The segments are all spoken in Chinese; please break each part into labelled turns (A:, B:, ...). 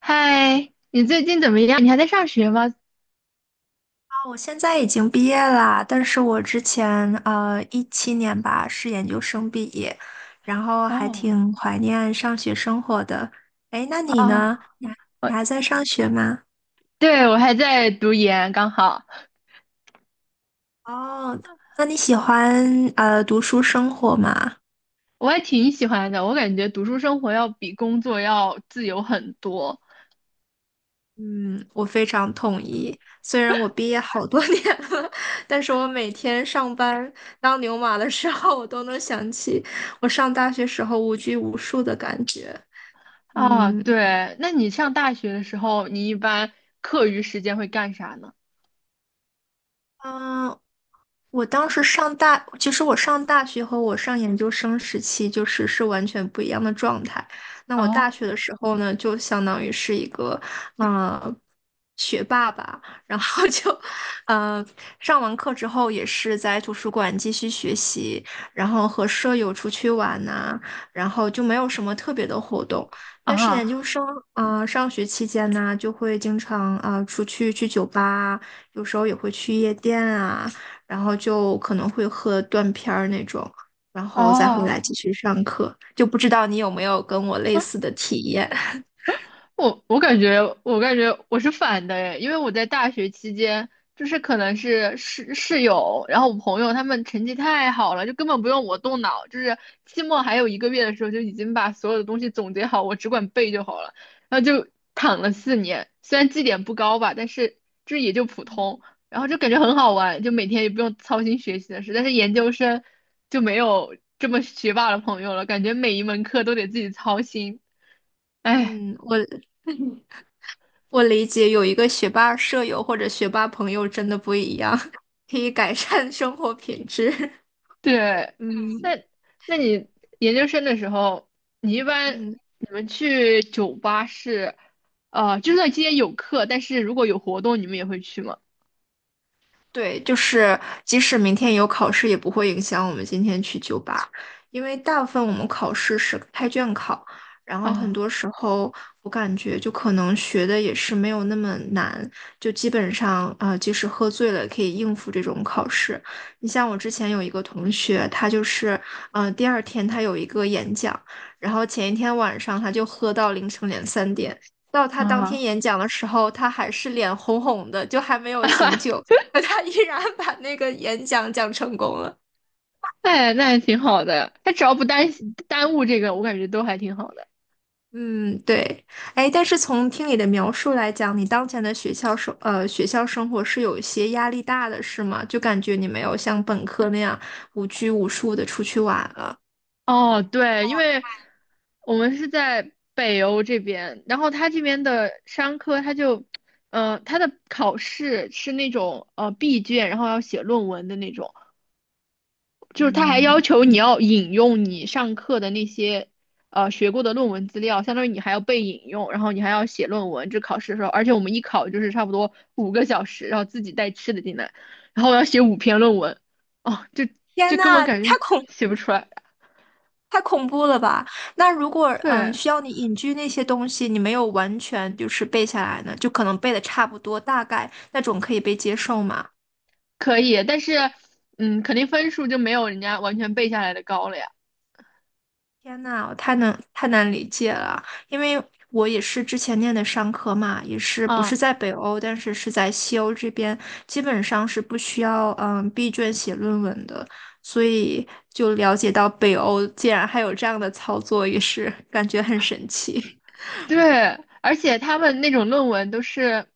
A: 嗨，你最近怎么样？你还在上学吗？
B: 我现在已经毕业啦，但是我之前17年吧是研究生毕业，然后还
A: 哦，
B: 挺怀念上学生活的。哎，那你
A: 啊，
B: 呢？你还你
A: 我，
B: 还在上学吗？
A: 对，我还在读研，刚好。
B: 哦，那你喜欢读书生活吗？
A: 我还挺喜欢的。我感觉读书生活要比工作要自由很多。
B: 嗯，我非常同意。虽然我毕业好多年了，但是我每天上班当牛马的时候，我都能想起我上大学时候无拘无束的感觉。
A: 啊。
B: 嗯。
A: 对，那你上大学的时候，你一般课余时间会干啥呢？
B: 嗯，我当时上大，其实我上大学和我上研究生时期就是完全不一样的状态。那我大
A: 哦，
B: 学的时候呢，就相当于是一个嗯学霸吧，然后 就嗯上完课之后也是在图书馆继续学习，然后和舍友出去玩呐、然后就没有什么特别的活动。但是研
A: 啊，
B: 究生啊、上学期间呢，就会经常啊、出去去酒吧啊有时候也会去夜店啊。然后就可能会喝断片儿那种，然后再回来
A: 哦，
B: 继续上课。就不知道你有没有跟我类似的体验？
A: 我感觉，我是反的诶。因为我在大学期间，就是可能是室友，然后我朋友他们成绩太好了，就根本不用我动脑，就是期末还有一个月的时候，就已经把所有的东西总结好，我只管背就好了，然后就躺了4年。虽然绩点不高吧，但是就是也就普通。然后就感觉很好玩，就每天也不用操心学习的事，但是研究生就没有这么学霸的朋友了，感觉每一门课都得自己操心，哎。
B: 嗯，我理解，有一个学霸舍友或者学霸朋友真的不一样，可以改善生活品质。
A: 对，
B: 嗯
A: 那那你研究生的时候，你一般
B: 嗯。
A: 你们去酒吧是，就算今天有课，但是如果有活动，你们也会去吗？
B: 对，就是即使明天有考试，也不会影响我们今天去酒吧，因为大部分我们考试是开卷考，然后很
A: 啊
B: 多时候我感觉就可能学的也是没有那么难，就基本上呃，即使喝醉了也可以应付这种考试。你像我之前有一个同学，他就是第二天他有一个演讲，然后前一天晚上他就喝到凌晨两三点。到他当天
A: 啊，
B: 演讲的时候，他还是脸红红的，就还没有醒酒。可他依然把那个演讲讲成功了。
A: 哎，那还挺好的，他只要不耽误这个，我感觉都还挺好的。
B: 嗯，对，哎，但是从听你的描述来讲，你当前的学校生活是有一些压力大的，是吗？就感觉你没有像本科那样无拘无束的出去玩了。
A: 哦，对，因为我们是在北欧这边，然后他这边的商科，他就，他的考试是那种闭卷，然后要写论文的那种。就是他还
B: 嗯，
A: 要求你要引用你上课的那些学过的论文资料，相当于你还要被引用，然后你还要写论文。这考试的时候，而且我们一考就是差不多5个小时，然后自己带吃的进来，然后我要写5篇论文。哦，这
B: 天
A: 这根本
B: 呐，
A: 感觉
B: 太恐
A: 写不出来。
B: 太恐怖了吧？那如果
A: 对，
B: 需要你隐居那些东西，你没有完全就是背下来呢，就可能背的差不多，大概那种可以被接受吗？
A: 可以，但是肯定分数就没有人家完全背下来的高了呀。
B: 天呐，我太难理解了，因为我也是之前念的商科嘛，也是不是
A: 啊。
B: 在北欧，但是是在西欧这边，基本上是不需要闭卷写论文的，所以就了解到北欧竟然还有这样的操作，也是 感觉很神奇。
A: 对，而且他们那种论文都是，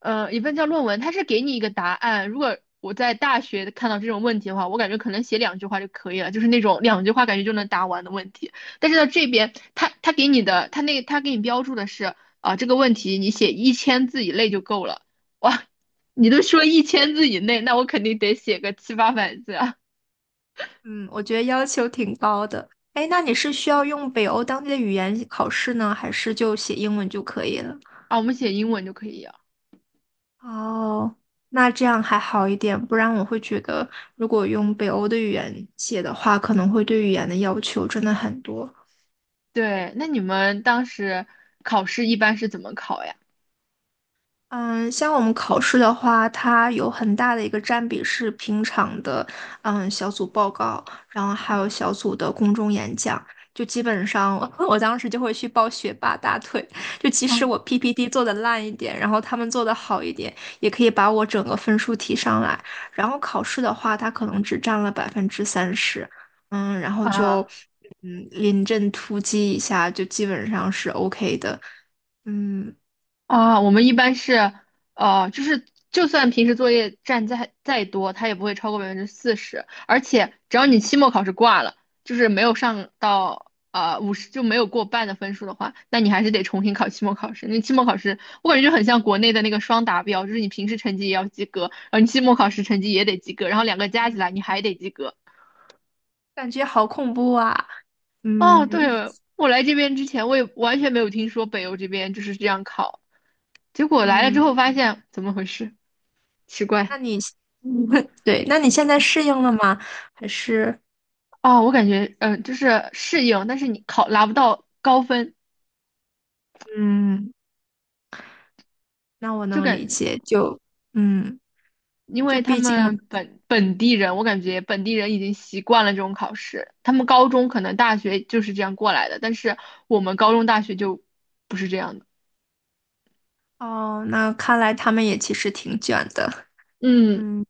A: 也不能叫论文，他是给你一个答案。如果我在大学看到这种问题的话，我感觉可能写两句话就可以了，就是那种两句话感觉就能答完的问题。但是到这边，他给你的，他给你标注的是啊，这个问题你写一千字以内就够了。哇，你都说一千字以内，那我肯定得写个七八百字啊。
B: 嗯，我觉得要求挺高的。哎，那你是需要用北欧当地的语言考试呢，还是就写英文就可以了？
A: 啊，我们写英文就可以啊。
B: 哦，那这样还好一点，不然我会觉得，如果用北欧的语言写的话，可能会对语言的要求真的很多。
A: 对，那你们当时考试一般是怎么考呀？
B: 嗯，像我们考试的话，它有很大的一个占比是平常的，嗯，小组报告，然后还有小组的公众演讲。就基本上，我当时就会去抱学霸大腿。就即使
A: 嗯
B: 我 PPT 做的烂一点，然后他们做的好一点，也可以把我整个分数提上来。然后考试的话，它可能只占了30%，嗯，然后就
A: 啊。
B: 嗯临阵突击一下，就基本上是 OK 的。嗯，
A: 啊，我们一般是，就是就算平时作业占再多，它也不会超过40%，而且只要你期末考试挂了，就是没有上到50就没有过半的分数的话，那你还是得重新考期末考试。那期末考试我感觉就很像国内的那个双达标，就是你平时成绩也要及格，然后你期末考试成绩也得及格，然后两个加起来你还得及格。
B: 感觉好恐怖啊！
A: 哦，
B: 嗯
A: 对，我来这边之前我也完全没有听说北欧这边就是这样考，结果来了之
B: 嗯，
A: 后发现怎么回事，奇
B: 那
A: 怪。
B: 你 对，那你现在适应了吗？还是
A: 哦，我感觉，就是适应，但是你考拿不到高分，
B: 嗯，那我
A: 就
B: 能
A: 感
B: 理
A: 觉
B: 解，就嗯，
A: 因
B: 就
A: 为他
B: 毕竟
A: 们本地人，我感觉本地人已经习惯了这种考试，他们高中可能大学就是这样过来的，但是我们高中大学就不是这样的。
B: 哦，那看来他们也其实挺卷的，
A: 嗯
B: 嗯。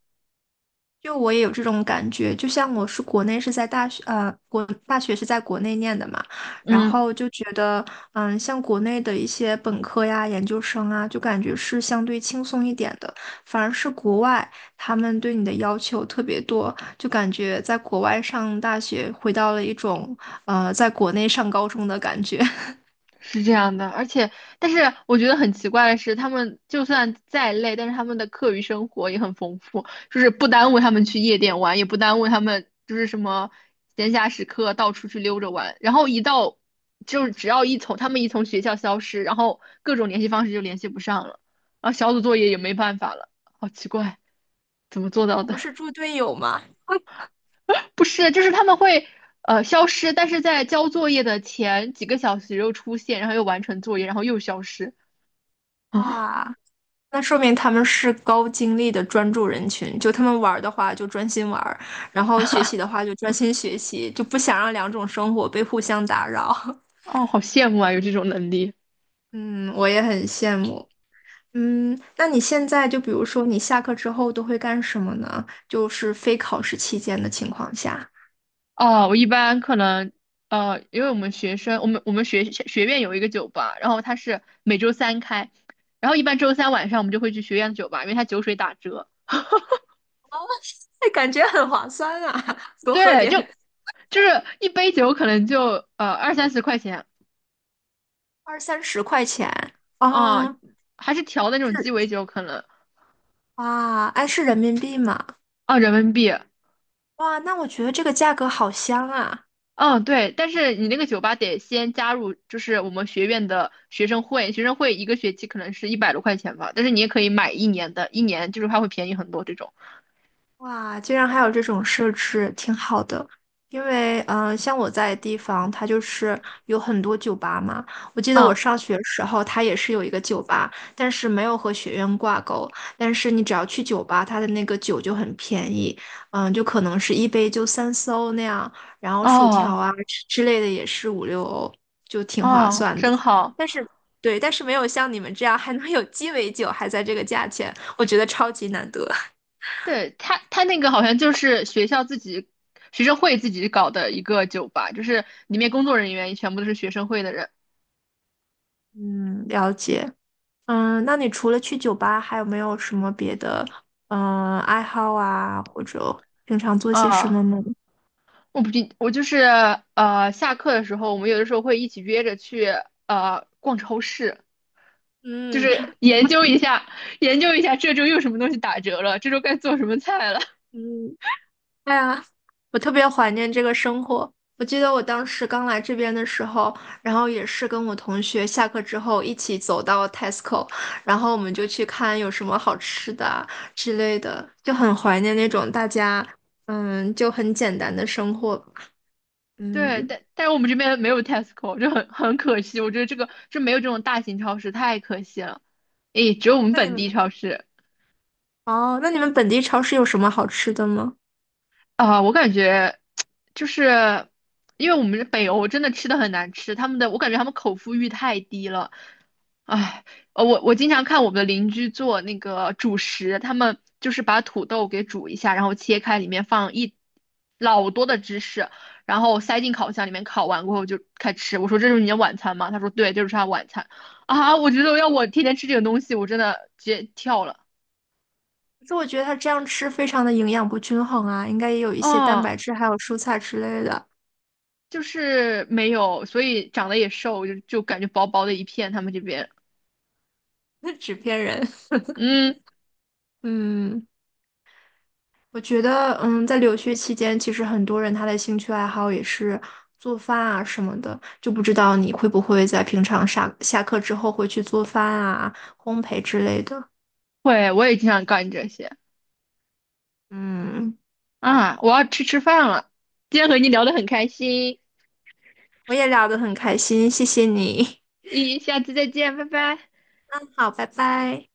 B: 就我也有这种感觉，就像我是国内是在大学，国大学是在国内念的嘛，然
A: 嗯，
B: 后就觉得，嗯，像国内的一些本科呀、研究生啊，就感觉是相对轻松一点的，反而是国外他们对你的要求特别多，就感觉在国外上大学回到了一种，呃，在国内上高中的感觉。
A: 是这样的。而且，但是我觉得很奇怪的是，他们就算再累，但是他们的课余生活也很丰富，就是不耽误他们去夜店玩，也不耽误他们就是什么闲暇时刻到处去溜着玩。然后一到，就是只要一从他们一从学校消失，然后各种联系方式就联系不上了，然后小组作业也没办法了，好奇怪，怎么做到
B: 我们
A: 的？
B: 是猪队友吗？
A: 不是，就是他们会。消失，但是在交作业的前几个小时又出现，然后又完成作业，然后又消失。
B: 哇！那说明他们是高精力的专注人群，就他们玩儿的话就专心玩儿，然后学习的话就专心学习，就不想让两种生活被互相打扰。
A: 哦，好羡慕啊，有这种能力。
B: 嗯，我也很羡慕。嗯，那你现在就比如说你下课之后都会干什么呢？就是非考试期间的情况下，
A: 哦，我一般可能，因为我们学生，我们学院有一个酒吧，然后它是每周三开，然后一般周三晚上我们就会去学院的酒吧，因为它酒水打折。
B: 哎，感觉很划算啊，多喝
A: 对，
B: 点，
A: 就是一杯酒可能就二三十块钱
B: 二三十块钱。
A: 啊，
B: 嗯，
A: 还是调的那
B: 是
A: 种鸡尾酒可能。
B: 哇，哎，是人民币吗？
A: 啊人民币。
B: 哇，那我觉得这个价格好香啊。
A: 嗯，对，但是你那个酒吧得先加入，就是我们学院的学生会，学生会一个学期可能是100多块钱吧，但是你也可以买一年的，一年就是它会便宜很多这种。
B: 哇，居然还有这种设置，挺好的。因为，嗯、呃像我在的地方，它就是有很多酒吧嘛。我记得我
A: 啊，
B: 上学时候，它也是有一个酒吧，但是没有和学院挂钩。但是你只要去酒吧，它的那个酒就很便宜，嗯、就可能是一杯就三四欧那样，然后薯条
A: 哦
B: 啊之类的也是五六欧，就挺划
A: 哦，
B: 算的。
A: 真好。
B: 但是，对，但是没有像你们这样还能有鸡尾酒，还在这个价钱，我觉得超级难得。
A: 对，他他那个好像就是学校自己学生会自己搞的一个酒吧，就是里面工作人员全部都是学生会的人。
B: 嗯，了解。嗯，那你除了去酒吧，还有没有什么别的嗯爱好啊，或者平常做些什么
A: 啊，
B: 呢？
A: 我不记，我就是，下课的时候，我们有的时候会一起约着去逛超市。就
B: 嗯
A: 是研究一下这周又什么东西打折了，这周该做什么菜了。
B: 嗯，哎呀，我特别怀念这个生活。我记得我当时刚来这边的时候，然后也是跟我同学下课之后一起走到 Tesco，然后我们就去看有什么好吃的啊之类的，就很怀念那种大家嗯就很简单的生活吧
A: 对，
B: 嗯，
A: 但是我们这边没有 Tesco，就很可惜。我觉得这个就没有这种大型超市，太可惜了。诶，只有我们
B: 那你
A: 本
B: 们
A: 地超市。
B: 哦，那你们本地超市有什么好吃的吗？
A: 啊，我感觉就是因为我们北欧真的吃的很难吃，他们的我感觉他们口腹欲太低了。哎，我经常看我们的邻居做那个主食，他们就是把土豆给煮一下，然后切开，里面放一老多的芝士，然后塞进烤箱里面烤完过后就开吃。我说这是你的晚餐吗？他说对，这就是他晚餐。啊，我觉得要我天天吃这个东西，我真的直接跳了。
B: 可是我觉得他这样吃非常的营养不均衡啊，应该也有一些蛋
A: 啊，
B: 白质还有蔬菜之类的，
A: 就是没有，所以长得也瘦，就感觉薄薄的一片。他们这边，
B: 纸片人。
A: 嗯，
B: 嗯，我觉得，嗯，在留学期间，其实很多人他的兴趣爱好也是做饭啊什么的，就不知道你会不会在平常下课之后会去做饭啊、烘焙之类的。
A: 会，我也经常干这些
B: 嗯，
A: 啊。我要去吃饭了。今天和你聊得很开心。
B: 我也聊得很开心，谢谢你。
A: 咦，下次再见，拜拜。
B: 好，拜拜。